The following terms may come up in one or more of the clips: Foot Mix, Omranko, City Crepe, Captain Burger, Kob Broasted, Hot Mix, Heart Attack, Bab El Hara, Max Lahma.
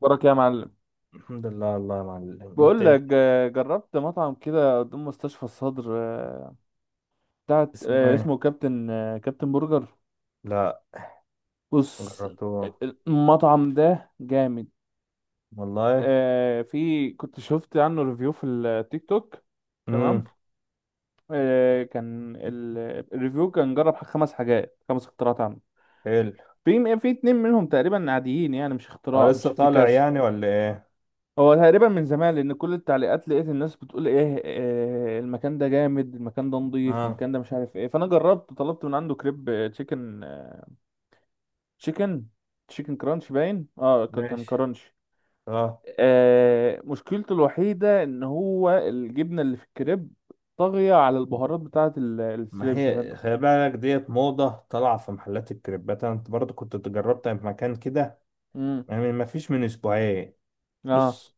بركة يا معلم. الحمد لله، والله يا معلم انت. بقول لك جربت مطعم كده قدام مستشفى الصدر، بتاعت اسمه آه، ايه؟ اسمه كابتن، كابتن برجر. لا. بص، جربته. المطعم ده جامد. والله. في كنت شفت عنه ريفيو في التيك توك. تمام. امم كان الريفيو كان جرب خمس حاجات، خمس اختراعات عنه. حلو. في اتنين منهم تقريبا عاديين، يعني مش هو اختراع، مش لسه طالع افتكاسة. يعني ولا ايه؟ هو تقريبا من زمان، لان كل التعليقات لقيت الناس بتقول ايه، المكان ده جامد، المكان ده نضيف، اه. المكان ده مش عارف ايه. فانا جربت، طلبت من عنده كريب تشيكن، تشيكن تشيكن كرانش. باين كان ماشي. كرانش. اه. مشكلته الوحيده ان هو الجبنه اللي في الكريب طاغيه على البهارات بتاعه ما الستريبس يا هي فندم. خلي بالك، ديت موضة طالعة في محلات الكريبات، انا برضه كنت جربتها في مكان كده امم. يعني، ما فيش من اسبوعين. اه. بص،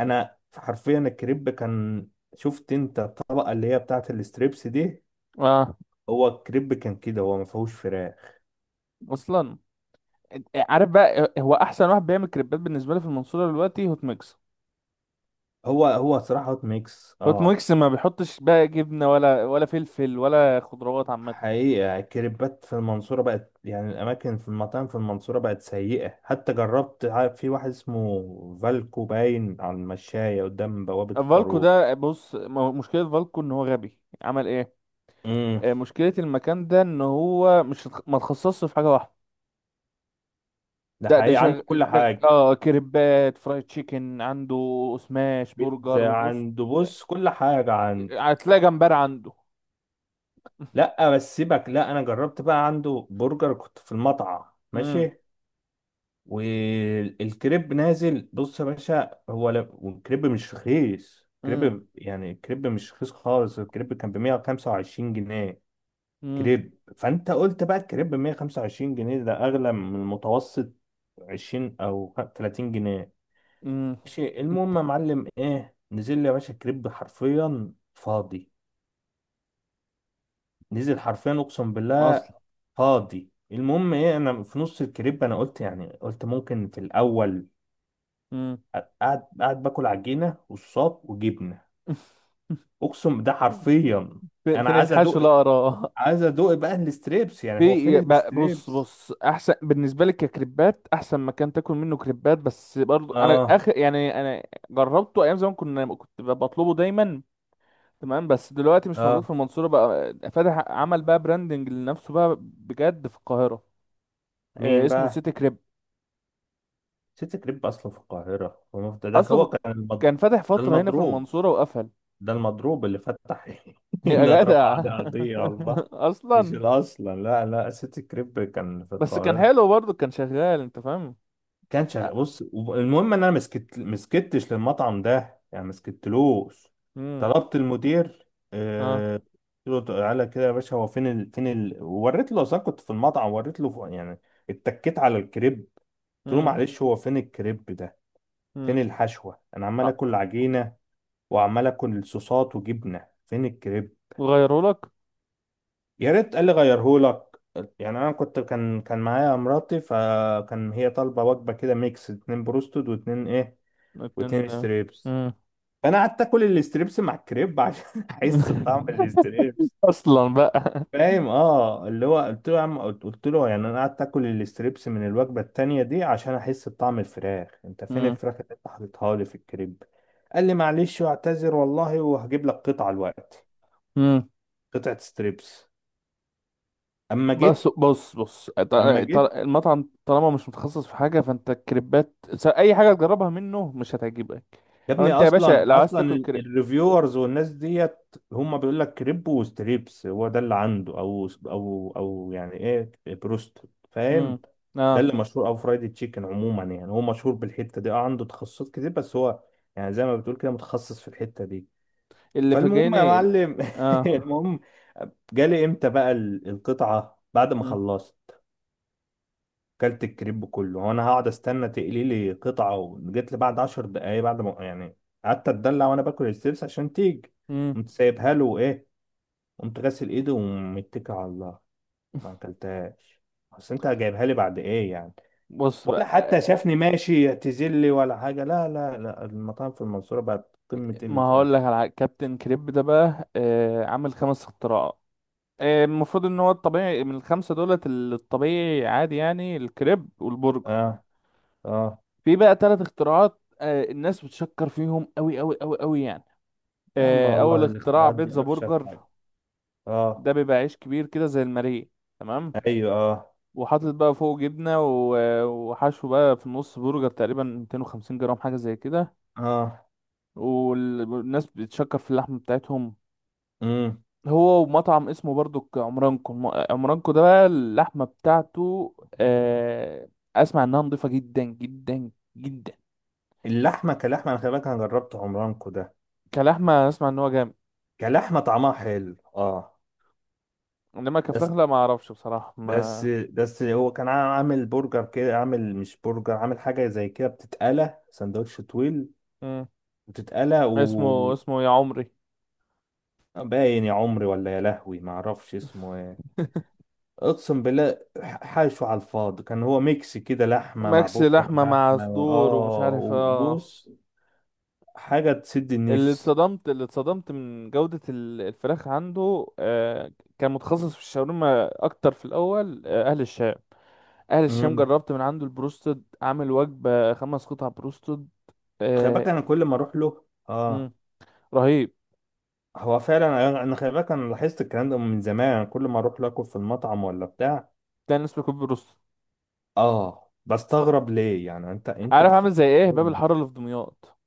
انا حرفيا الكريب كان، شفت انت الطبقة اللي هي بتاعت الستريبس دي؟ اه. هو الكريب كان كده، هو ما فيهوش فراخ. اصلا. عارف بقى هو احسن واحد بيعمل كريبات بالنسبه لي في المنصوره دلوقتي؟ هوت ميكس. هو صراحة هوت ميكس، فوت اه. ميكس ما بيحطش بقى جبنه، ولا فلفل ولا خضروات عامه. حقيقة الكريبات في المنصورة بقت يعني، الأماكن في المطاعم في المنصورة بقت سيئة، حتى جربت، عارف، في واحد اسمه فالكو، باين على المشاية قدام بوابة فالكو البارون. ده، بص، مشكله فالكو ان هو غبي، عمل ايه؟ امم مشكله المكان ده ان هو مش اتخ- ما اتخصصش في حاجه واحده. ده ده حقيقي، شغ... عنده كل شغ... حاجة. اه كريبات، فرايد تشيكن عنده، سماش برجر، بيتزا وبص، عنده، بص كل حاجة عنده. هتلاقي جمبري عنده. لأ بس سيبك، لأ أنا جربت بقى عنده برجر، كنت في المطعم. امم. ماشي. والكريب نازل، بص يا باشا، هو لا، والكريب مش رخيص، امم. كريب يعني الكريب مش رخيص خالص، الكريب كان ب 125 جنيه، امم. كريب. فانت قلت بقى الكريب ب 125 جنيه، ده اغلى من المتوسط 20 او 30 جنيه. امم. ماشي، المهم يا معلم، ايه نزل لي يا باشا، الكريب حرفيا فاضي، نزل حرفيا، اقسم بالله اصلا. فاضي. المهم ايه، انا في نص الكريب انا قلت يعني، قلت ممكن في الاول، امم. قاعد باكل عجينه والصاب وجبنه، اقسم ده حرفيا. انا فين عايز الحشو ادوق، لا اراه؟ عايز ادوق بقى الستريبس، يعني هو فين بص الستريبس؟ بص احسن بالنسبه لك ككريبات، احسن مكان تاكل منه كريبات، بس برضو انا اه. اخر يعني انا جربته ايام زمان، كنت بطلبه دايما. تمام. بس دلوقتي مش موجود اه. في المنصوره، بقى فاتح، عمل بقى براندنج لنفسه بقى بجد في القاهره. مين اسمه بقى؟ سيتي كريب. سيتي كريب أصله في القاهرة، ده اصله هو في... كان كان فاتح ده فتره هنا في المضروب، المنصوره وقفل. ده المضروب اللي فتح هنا، يا اترفع جدع. عليه قضية على الله، مش اصلا. الأصل، لا، سيتي كريب كان في بس كان القاهرة. حلو برضو، كان شغال انت فاهم. كان شغال، بص المهم إن أنا مسكتش للمطعم ده، يعني مسكتلوش، امم. طلبت المدير. اه. آه. قلت له تعالى كده يا باشا، هو فين فين وريت له، أصلا كنت في المطعم، وريت له يعني، اتكيت على الكريب. قلت له امم. معلش، هو فين الكريب ده؟ فين امم. الحشوة؟ انا عمال اكل عجينة، وعمال اكل صوصات وجبنة، فين الكريب؟ غيره لك. يا ريت قال لي غيرهولك، يعني انا كنت، كان معايا مراتي، فكان هي طالبة وجبة كده ميكس، اتنين بروستد، واتنين ايه، لكن. واتنين ستريبس. مم. فانا قعدت اكل الستريبس مع الكريب عشان احس بطعم الستريبس. اصلا بقى. فاهم، اه اللي هو قلت له يا عم، قلت له يعني انا قعدت اكل الستريبس من الوجبه التانيه دي عشان احس بطعم الفراخ، انت فين مم. الفراخ اللي انت حاططها لي في الكريب؟ قال لي معلش، واعتذر والله، وهجيب لك قطعه الوقت، مم. قطعه ستريبس. اما بس جيت، بص، اما جيت المطعم طالما مش متخصص في حاجه، فانت الكريبات، اي حاجه تجربها منه مش هتعجبك. يا او ابني، انت يا باشا اصلا لو عايز اصلا تاكل كريب. الريفيورز والناس ديت هم بيقول لك كريب وستريبس، هو ده اللي عنده، او يعني ايه، بروست. مم. فاهم، ده اه اللي مشهور، او فرايدي تشيكن، عموما يعني هو مشهور بالحته دي، اه، عنده تخصصات كتير، بس هو يعني زي ما بتقول كده متخصص في الحته دي. اللي فالمهم يا فاجئني معلم، اه. المهم، جالي امتى بقى القطعه؟ بعد ما مم. خلصت، كلت الكريب كله وانا هقعد استنى تقلي لي قطعه، وجيت لي بعد 10 دقايق، بعد ما يعني قعدت اتدلع وانا باكل الستريبس عشان تيجي. مم. قمت سايبها له، وايه، قمت غاسل ايدي ومتكل على الله، ما اكلتهاش. بس انت جايبها لي بعد ايه يعني؟ بص ولا بقى، حتى شافني ماشي يعتذر لي ولا حاجه، لا، المطاعم في المنصوره بقت قمه قله ما الادب. هقول لك على حاجة. كابتن كريب ده بقى، عامل خمس اختراعات. المفروض ان هو الطبيعي من الخمسه دولت، الطبيعي عادي يعني الكريب والبرجر. اه. اه. في بقى ثلاث اختراعات، الناس بتشكر فيهم قوي قوي قوي قوي يعني. يا عم اول والله اختراع الاختراعات بيتزا دي افشل برجر. حاجه. اه. ده بيبقى عيش كبير كده زي الماريه، تمام، ايوه اه. وحاطط بقى فوق جبنه وحشو بقى في النص، برجر تقريبا 250 جرام حاجه زي كده. اه. والناس بتشكر في اللحمه بتاعتهم. امم هو ومطعم اسمه برضو عمرانكو، عمرانكو ده بقى اللحمه بتاعته، آه، اسمع انها نضيفه جدا جدا جدا. اللحمه كلحمه، انا خلي بالك انا جربت عمرانكو ده، كلحمه اسمع ان هو جامد. كلحمة طعمها حلو، اه. انما بس. كفراخ لا، ما اعرفش بصراحه، بس ما. بس هو كان عامل برجر كده، عامل مش برجر، عامل حاجة زي كده بتتقلى، سندوتش طويل مم. بتتقلى. اسمه يا عمري. وباين يا عمري ولا يا لهوي ما اعرفش اسمه ايه. اقسم بالله، حاشو على الفاضي، كان هو ميكس كده، لحمة مع ماكس برجر لحمه مع لحمة. صدور ومش اه عارف وبص، حاجة تسد اللي النفس. اتصدمت اللي اتصدمت من جوده الفراخ عنده كان متخصص في الشاورما اكتر في الاول، اهل الشام. اهل الشام، امم جربت من عنده البروستد، عامل وجبه خمس قطع بروستد. خلي بالك آه. انا كل ما اروح له، اه. مم. رهيب. هو فعلا انا، أنا خلي بالك انا لاحظت الكلام ده من زمان، كل ما اروح لاكل في المطعم ولا بتاع، كان اسمه كوب بروستد. اه، بستغرب ليه، يعني انت عارف عامل زي ايه؟ باب الحاره اللي في دمياط.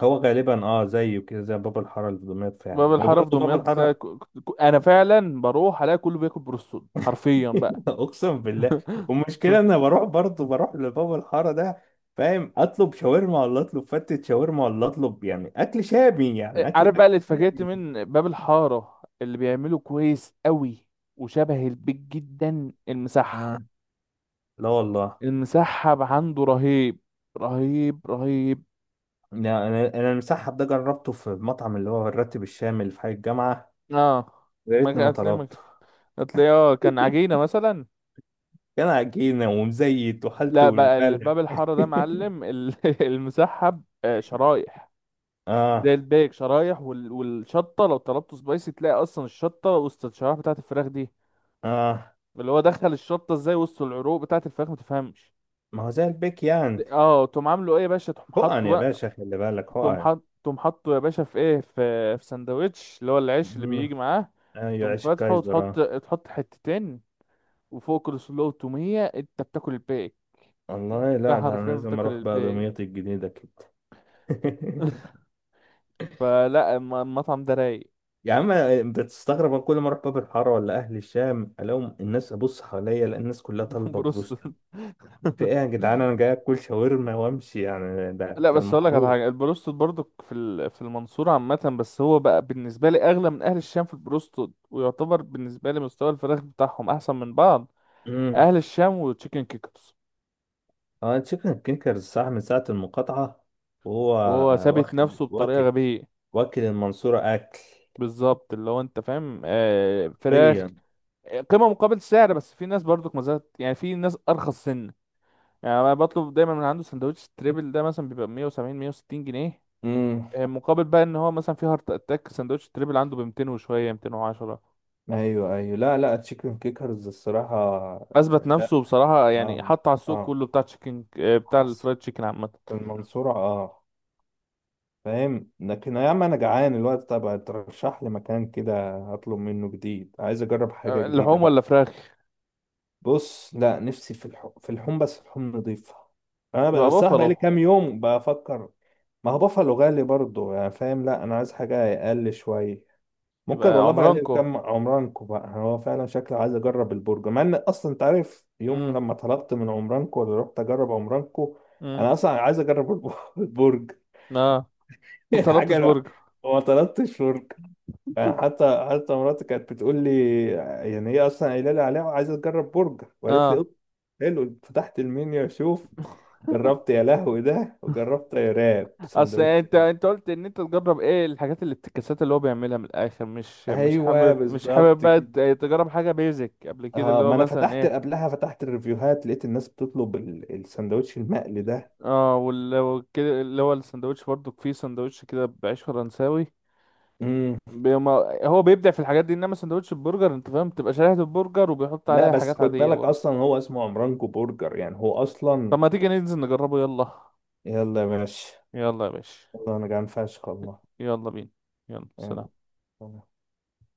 هو غالبا اه زيه كده، زي بابا الحاره اللي في دمياط فعلا، باب الحاره في وبرضه بابا دمياط، لا. الحاره. انا فعلا بروح الاقي كله بياكل بروستون حرفيا بقى. اقسم بالله. والمشكله انا بروح، برضه بروح لبابا الحاره ده، فاهم، اطلب شاورما، ولا اطلب فتة شاورما، ولا اطلب يعني اكل شامي، يعني عارف بقى اكل اللي اتفاجئت شامي. من باب الحاره اللي بيعمله كويس قوي، وشبه البيت جدا؟ المسحب. آه. لا والله. المسحب عنده رهيب. رهيب رهيب. لا، انا، انا المسحب ده جربته في المطعم اللي هو الراتب الشامي اللي في حي الجامعه، اه يا ما ريتني كان- ما هتلاقيه ما كان- طلبته، هتلاقيه، كان عجينه مثلا. كان عجينة ومزيت وحالته لا بقى اللي في والبلع. باب الحاره ده معلم المسحب، شرايح زي اه. الباقي، شرايح والشطه، لو طلبته سبايسي تلاقي اصلا الشطه وسط الشرايح بتاعه الفراخ دي. اه اللي هو دخل الشطه ازاي وسط العروق بتاعه الفراخ ما تفهمش. ما هو زي البيك يعني. اه. تقوم عامله ايه يا باشا؟ تقوم حقن حاطه يا بقى، باشا، خلي بالك حقن. تقوم حاطه يا باشا في ايه؟ في سندوتش اللي هو العيش اللي بيجي مم. معاه. ايوه، تقوم عيش فاتحه، الكايزر وتحط اه. تحط حتتين، وفوق كل سلو وتومية. انت بتاكل الباقي. والله انت لا، ده انا حرفيا لازم بتاكل اروح بقى الباقي. دمياط الجديدة كده. فلا، المطعم ده رايق. يا عم بتستغرب، أنا كل ما اروح باب الحاره ولا اهل الشام الاقيهم، الناس ابص حواليا الاقي الناس كلها طالبه بروستو. بروستد. في ايه يا جدعان، انا جاي اكل شاورما وامشي يعني، ده لا ده بس اقول لك على المعروف. حاجه، البروستد برضو في في المنصوره عامه، بس هو بقى بالنسبه لي اغلى من اهل الشام في البروستد، ويعتبر بالنسبه لي مستوى الفراخ بتاعهم احسن من بعض. مم. اهل الشام وتشيكن كيكرز. اه تشيكن كينكرز، صح، من ساعة المقاطعة وهو وهو ثابت واخد، نفسه بطريقه واكل، غبيه. واكل المنصورة أكل. بالظبط اللي هو انت فاهم، فراخ. حرفيا. قيمه مقابل سعر. بس في ناس برضو ما زالت، يعني في ناس ارخص سن. يعني انا بطلب دايما من عنده سندوتش تريبل، ده مثلا بيبقى 170 160 جنيه، امم مقابل بقى ان هو مثلا في هارت اتاك سندوتش تريبل عنده ب 200 وشويه 210. ايوه، لا تشيكن كيكرز الصراحة. اثبت لا. نفسه بصراحه، يعني اه. حط على السوق اه. كله بتاع تشيكن، بتاع حصل. الفرايد تشيكن عامه. في المنصورة اه. فاهم، لكن يا عم انا جعان الوقت، طب ترشح لي مكان كده هطلب منه جديد، عايز اجرب حاجة جديدة لحوم بقى. ولا فراخ؟ بص، لا، نفسي في الحوم، في الحوم بس الحوم نضيفة. انا يبقى بصراحة بقالي بافالو. كام يوم بفكر. ما هو بافالو غالي برضه يعني فاهم، لا انا عايز حاجه اقل شويه. ممكن يبقى والله بقى ليه، عمرانكو. كم عمرانكو بقى، يعني هو فعلا شكله عايز اجرب البرجر، مع ان اصلا انت عارف يوم امم. لما طلبت من عمرانكو، ولا رحت اجرب عمرانكو، امم. انا اصلا عايز اجرب البرج اه. ما طلبتش الحاجه، لا، برجر. وما طلبتش برج، يعني حتى، مراتي كانت بتقول لي، يعني هي اصلا قايله لي عليها وعايزه تجرب برجر، وقالت لي: اه. "أوب، حلو"، فتحت المنيو اشوف، جربت يا لهوي ده، وجربت يا راب اصل سندوتش. انت قلت ان انت تجرب ايه الحاجات، اللي الافتكاسات اللي هو بيعملها من الاخر، مش ايوه حابب مش حابب بالظبط بقى كده. تجرب حاجه بيزك قبل كده اه، اللي هو ما انا مثلا فتحت ايه. قبلها، فتحت الريفيوهات، لقيت الناس بتطلب السندوتش المقلي ده. اه وكده، اللي هو السندوتش برضو فيه سندوتش كده بعيش فرنساوي امم بيما. هو بيبدع في الحاجات دي، انما سندوتش البرجر انت فاهم، بتبقى شريحة البرجر وبيحط لا عليها بس حاجات خد عادية بالك، برضه. اصلا هو اسمه عمرانكو برجر، يعني هو طب اصلا. ما تيجي ننزل نجربه؟ يلا. يلا يا باشا، يلا يا باشا. والله انا جعان فشخ والله، يلا بينا. يلا سلام. يعني